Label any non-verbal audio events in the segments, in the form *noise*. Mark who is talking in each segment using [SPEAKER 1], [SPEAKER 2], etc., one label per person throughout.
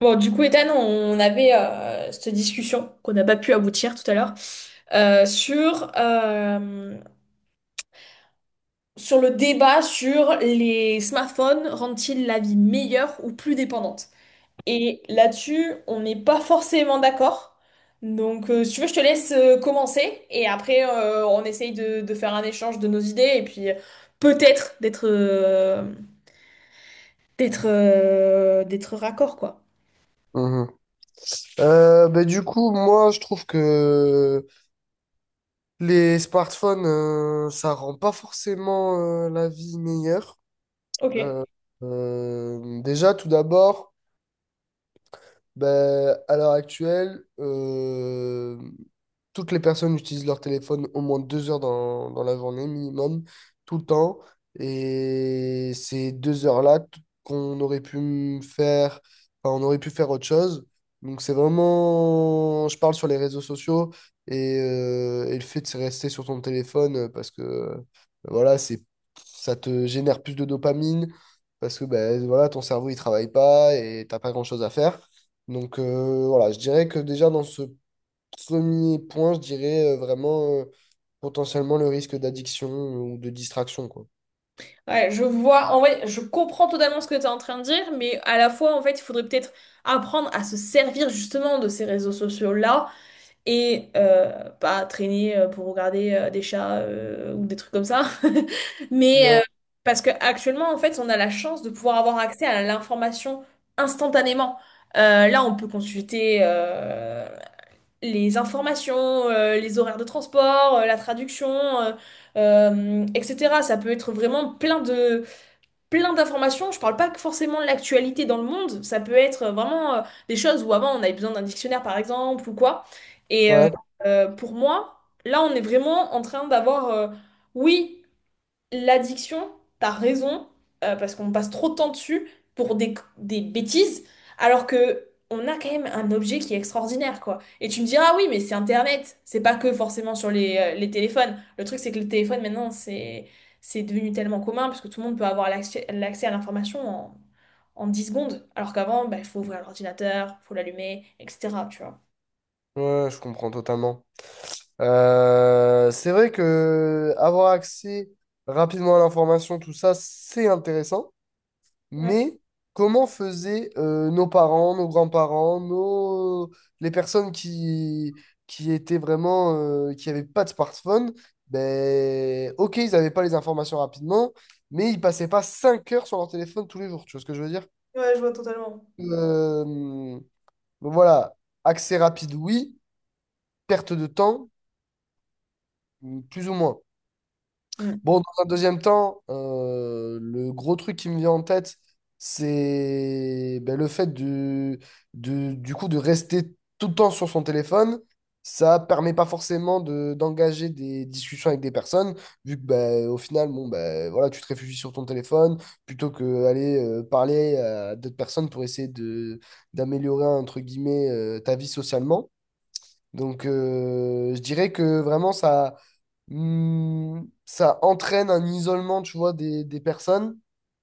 [SPEAKER 1] Bon, du coup, Ethan, on avait cette discussion qu'on n'a pas pu aboutir tout à l'heure euh, sur, euh, sur le débat sur les smartphones rendent-ils la vie meilleure ou plus dépendante? Et là-dessus, on n'est pas forcément d'accord. Donc, si tu veux, je te laisse commencer et après, on essaye de faire un échange de nos idées et puis peut-être d'être raccord, quoi.
[SPEAKER 2] Mhm. Du coup, moi, je trouve que les smartphones, ça rend pas forcément la vie meilleure.
[SPEAKER 1] Ok.
[SPEAKER 2] Euh, Déjà, tout d'abord, ben, à l'heure actuelle, toutes les personnes utilisent leur téléphone au moins 2 heures dans la journée minimum, tout le temps. Et ces deux heures-là qu'on aurait pu me faire, enfin, on aurait pu faire autre chose. Donc c'est vraiment, je parle sur les réseaux sociaux et le fait de se rester sur ton téléphone parce que voilà, ça te génère plus de dopamine parce que ben, voilà, ton cerveau il travaille pas et t'as pas grand-chose à faire. Donc voilà, je dirais que déjà dans ce premier point, je dirais vraiment potentiellement le risque d'addiction ou de distraction, quoi.
[SPEAKER 1] Ouais, je vois, en vrai, je comprends totalement ce que tu es en train de dire, mais à la fois, en fait, il faudrait peut-être apprendre à se servir justement de ces réseaux sociaux-là et pas traîner pour regarder des chats ou des trucs comme ça. *laughs* Mais
[SPEAKER 2] Ouais,
[SPEAKER 1] parce que actuellement, en fait, on a la chance de pouvoir avoir accès à l'information instantanément. Là, on peut consulter les informations, les horaires de transport, la traduction, etc. Ça peut être vraiment plein d'informations. Je parle pas que forcément de l'actualité dans le monde. Ça peut être vraiment des choses où avant on avait besoin d'un dictionnaire par exemple ou quoi. Et euh,
[SPEAKER 2] ouais,
[SPEAKER 1] pour moi, là on est vraiment en train d'avoir, oui, l'addiction, t'as raison, parce qu'on passe trop de temps dessus pour des bêtises, alors que on a quand même un objet qui est extraordinaire, quoi. Et tu me diras, ah oui, mais c'est Internet, c'est pas que forcément sur les téléphones. Le truc, c'est que le téléphone, maintenant, c'est devenu tellement commun, parce que tout le monde peut avoir l'accès à l'information en 10 secondes, alors qu'avant, bah, il faut ouvrir l'ordinateur, il faut l'allumer, etc., tu vois.
[SPEAKER 2] ouais, je comprends totalement. C'est vrai que avoir accès rapidement à l'information, tout ça, c'est intéressant.
[SPEAKER 1] Ouais,
[SPEAKER 2] Mais comment faisaient nos parents, nos grands-parents, nos... les personnes qui étaient vraiment, qui n'avaient pas de smartphone? Ben, ok, ils n'avaient pas les informations rapidement, mais ils passaient pas 5 heures sur leur téléphone tous les jours. Tu vois ce que je veux dire?
[SPEAKER 1] ouais, je vois totalement.
[SPEAKER 2] Euh, donc voilà, accès rapide, oui. Perte de temps, plus ou moins. Bon,
[SPEAKER 1] Mm.
[SPEAKER 2] dans un deuxième temps, le gros truc qui me vient en tête, c'est ben, le fait du coup de rester tout le temps sur son téléphone. Ça permet pas forcément d'engager des discussions avec des personnes, vu que ben, au final, bon, ben, voilà, tu te réfugies sur ton téléphone plutôt que aller parler à d'autres personnes pour essayer de d'améliorer entre guillemets ta vie socialement. Donc, je dirais que vraiment, ça, ça entraîne un isolement, tu vois, des personnes.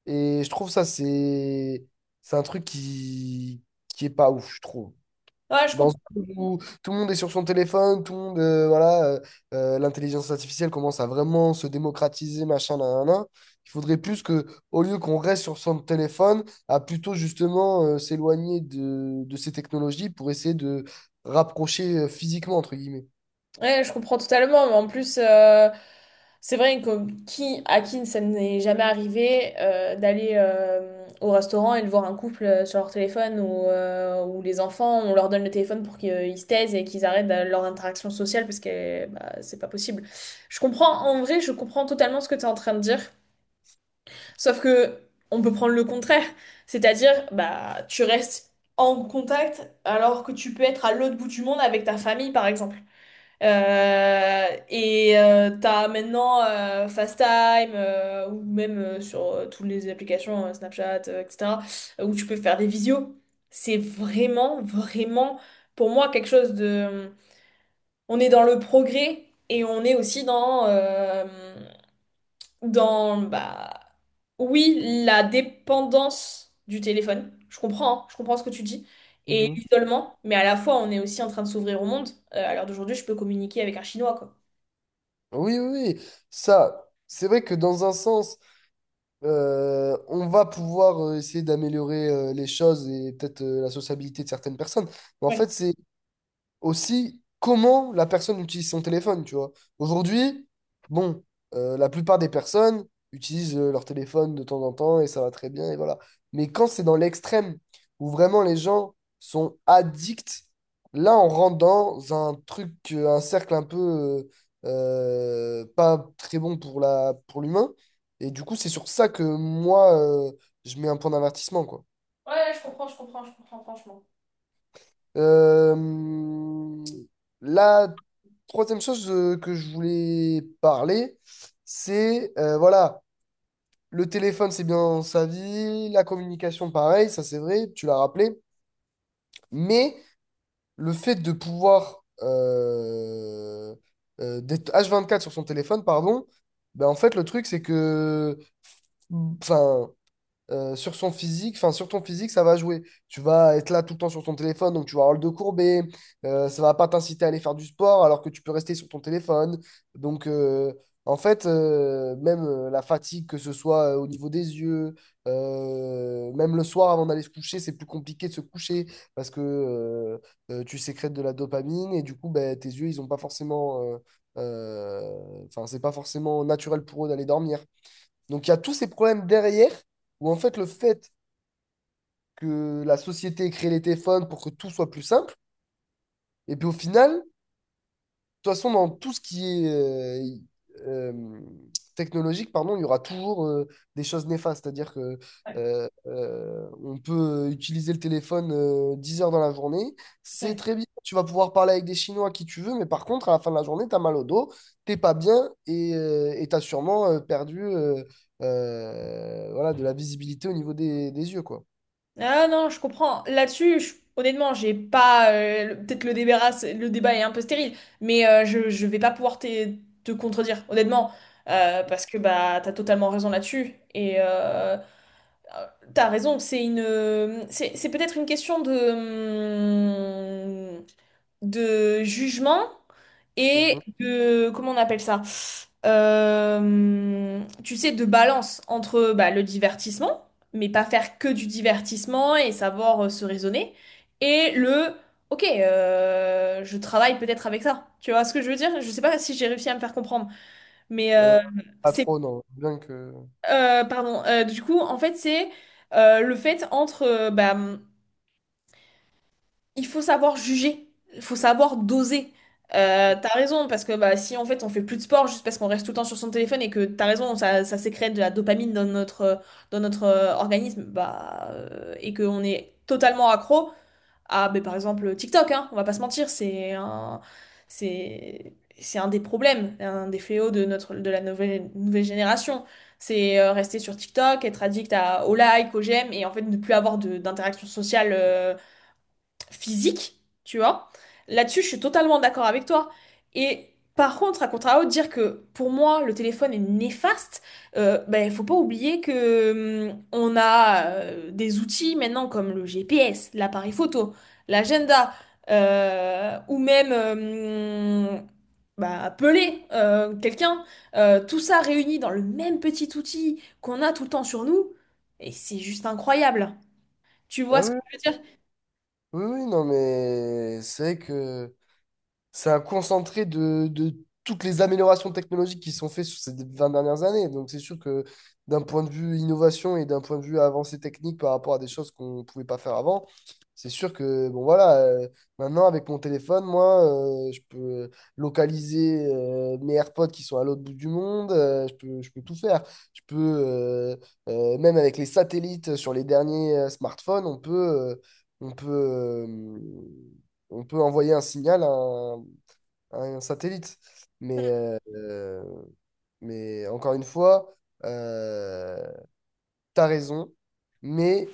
[SPEAKER 2] Et je trouve ça, c'est un truc qui est pas ouf, je trouve.
[SPEAKER 1] Ouais, je
[SPEAKER 2] Dans ce
[SPEAKER 1] comprends.
[SPEAKER 2] monde où tout le monde est sur son téléphone, tout le monde, l'intelligence artificielle commence à vraiment se démocratiser, machin, nan, nan, nan. Il faudrait plus que, au lieu qu'on reste sur son téléphone, à plutôt justement s'éloigner de ces technologies pour essayer de rapprocher physiquement, entre guillemets.
[SPEAKER 1] Ouais, je comprends totalement, mais en plus, c'est vrai que à qui ça n'est jamais arrivé d'aller au restaurant et de voir un couple sur leur téléphone ou les enfants, on leur donne le téléphone pour qu'ils ils se taisent et qu'ils arrêtent leur interaction sociale parce que bah, c'est pas possible. Je comprends, en vrai, je comprends totalement ce que tu es en train de dire, sauf que on peut prendre le contraire, c'est-à-dire, bah, tu restes en contact alors que tu peux être à l'autre bout du monde avec ta famille, par exemple. T'as maintenant FaceTime ou même sur toutes les applications Snapchat, etc., où tu peux faire des visios. C'est vraiment, vraiment, pour moi, quelque chose de... On est dans le progrès et on est aussi dans... dans bah, oui, la dépendance du téléphone. Je comprends, hein, je comprends ce que tu dis. Et
[SPEAKER 2] Mhm.
[SPEAKER 1] l'isolement, mais à la fois, on est aussi en train de s'ouvrir au monde. À l'heure d'aujourd'hui, je peux communiquer avec un Chinois, quoi.
[SPEAKER 2] Oui, oui, oui. Ça, c'est vrai que dans un sens, on va pouvoir essayer d'améliorer les choses et peut-être la sociabilité de certaines personnes. Mais en fait, c'est aussi comment la personne utilise son téléphone, tu vois. Aujourd'hui, bon, la plupart des personnes utilisent leur téléphone de temps en temps et ça va très bien et voilà. Mais quand c'est dans l'extrême, où vraiment les gens sont addicts, là on rentre dans un truc, un cercle un peu pas très bon pour la, pour l'humain. Et du coup, c'est sur ça que moi, je mets un point d'avertissement, quoi.
[SPEAKER 1] Ouais, ouais, je comprends, je comprends, je comprends, franchement.
[SPEAKER 2] Euh, la troisième chose que je voulais parler, c'est voilà, le téléphone, c'est bien sa vie, la communication, pareil, ça c'est vrai, tu l'as rappelé, mais le fait de pouvoir d'être H24 sur son téléphone, pardon, ben en fait, le truc, c'est que, enfin, sur son physique, enfin sur ton physique, ça va jouer. Tu vas être là tout le temps sur ton téléphone, donc tu vas avoir le dos courbé, ça va pas t'inciter à aller faire du sport alors que tu peux rester sur ton téléphone. Donc en fait, même la fatigue, que ce soit au niveau des yeux, même le soir avant d'aller se coucher, c'est plus compliqué de se coucher parce que tu sécrètes de la dopamine et du coup, ben, tes yeux, ils ont pas forcément... Enfin, c'est pas forcément naturel pour eux d'aller dormir. Donc il y a tous ces problèmes derrière où en fait le fait que la société ait créé les téléphones pour que tout soit plus simple, et puis au final, toute façon, dans tout ce qui est euh, technologique, pardon, il y aura toujours des choses néfastes. C'est-à-dire que
[SPEAKER 1] Ouais.
[SPEAKER 2] on peut utiliser le téléphone 10 heures dans la journée. C'est
[SPEAKER 1] Ouais.
[SPEAKER 2] très bien. Tu vas pouvoir parler avec des Chinois à qui tu veux, mais par contre, à la fin de la journée, tu as mal au dos, t'es pas bien et tu as sûrement perdu, voilà, de la visibilité au niveau des yeux, quoi.
[SPEAKER 1] Ah non, je comprends. Là-dessus, honnêtement, j'ai pas. Peut-être le débat est un peu stérile, mais je vais pas pouvoir te contredire, honnêtement, parce que bah t'as totalement raison là-dessus. Et t'as raison, c'est c'est peut-être une question de. De jugement et
[SPEAKER 2] Mhm.
[SPEAKER 1] de, comment on appelle ça? Tu sais, de balance entre bah, le divertissement, mais pas faire que du divertissement et savoir se raisonner, et le, ok, je travaille peut-être avec ça. Tu vois ce que je veux dire? Je sais pas si j'ai réussi à me faire comprendre, mais
[SPEAKER 2] Euh, Pas
[SPEAKER 1] c'est,
[SPEAKER 2] trop, non. Bien que...
[SPEAKER 1] pardon. Du coup, en fait, c'est le fait entre, il faut savoir juger, il faut savoir doser. T'as raison, parce que bah, si en fait on fait plus de sport juste parce qu'on reste tout le temps sur son téléphone et que t'as raison, ça sécrète de la dopamine dans notre organisme, bah, et qu'on est totalement accro à bah, par exemple TikTok, hein, on va pas se mentir, c'est un des problèmes, un des fléaux de, de la nouvelle génération. C'est rester sur TikTok, être addict à, aux likes, aux j'aime et en fait ne plus avoir d'interaction sociale physique, tu vois. Là-dessus, je suis totalement d'accord avec toi. Et par contre, à contrario, dire que pour moi, le téléphone est néfaste, ben, faut pas oublier que on a des outils maintenant comme le GPS, l'appareil photo, l'agenda, ou même bah, appeler quelqu'un. Tout ça réuni dans le même petit outil qu'on a tout le temps sur nous, et c'est juste incroyable. Tu
[SPEAKER 2] Ah
[SPEAKER 1] vois ce que
[SPEAKER 2] oui,
[SPEAKER 1] je veux dire?
[SPEAKER 2] oui, oui, non, mais c'est vrai que... c'est un concentré de toutes les améliorations technologiques qui sont faites sur ces 20 dernières années. Donc, c'est sûr que d'un point de vue innovation et d'un point de vue avancée technique par rapport à des choses qu'on ne pouvait pas faire avant, c'est sûr que, bon, voilà, maintenant, avec mon téléphone, moi, je peux localiser mes AirPods qui sont à l'autre bout du monde, je peux tout faire. Je peux, euh, Même avec les satellites sur les derniers smartphones, euh, on peut, euh, on peut envoyer un signal à un satellite. Mais, euh, euh, mais encore une fois, euh, t'as raison. Mais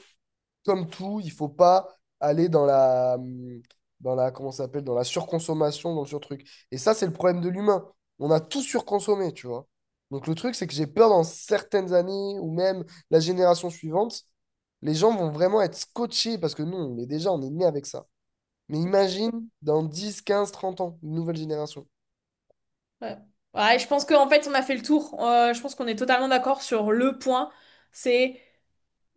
[SPEAKER 2] comme tout, il faut pas aller dans la, comment ça s'appelle, dans la surconsommation, dans le surtruc. Et ça, c'est le problème de l'humain. On a tout surconsommé, tu vois. Donc le truc, c'est que j'ai peur dans certaines années ou même la génération suivante, les gens vont vraiment être scotchés parce que nous, on est déjà, on est né avec ça. Mais imagine dans 10 15 30 ans, une nouvelle génération.
[SPEAKER 1] Ouais. Ouais, je pense qu'en fait, on a fait le tour. Je pense qu'on est totalement d'accord sur le point. C'est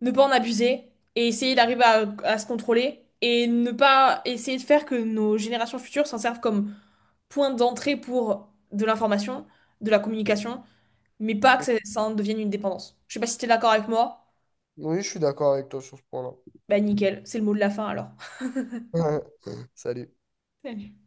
[SPEAKER 1] ne pas en abuser et essayer d'arriver à se contrôler et ne pas essayer de faire que nos générations futures s'en servent comme point d'entrée pour de l'information, de la communication, mais pas que ça en devienne une dépendance. Je sais pas si t'es d'accord avec moi.
[SPEAKER 2] Oui, je suis d'accord avec toi sur ce point-là. *laughs*
[SPEAKER 1] Bah nickel, c'est le mot de la fin alors.
[SPEAKER 2] Salut.
[SPEAKER 1] *laughs*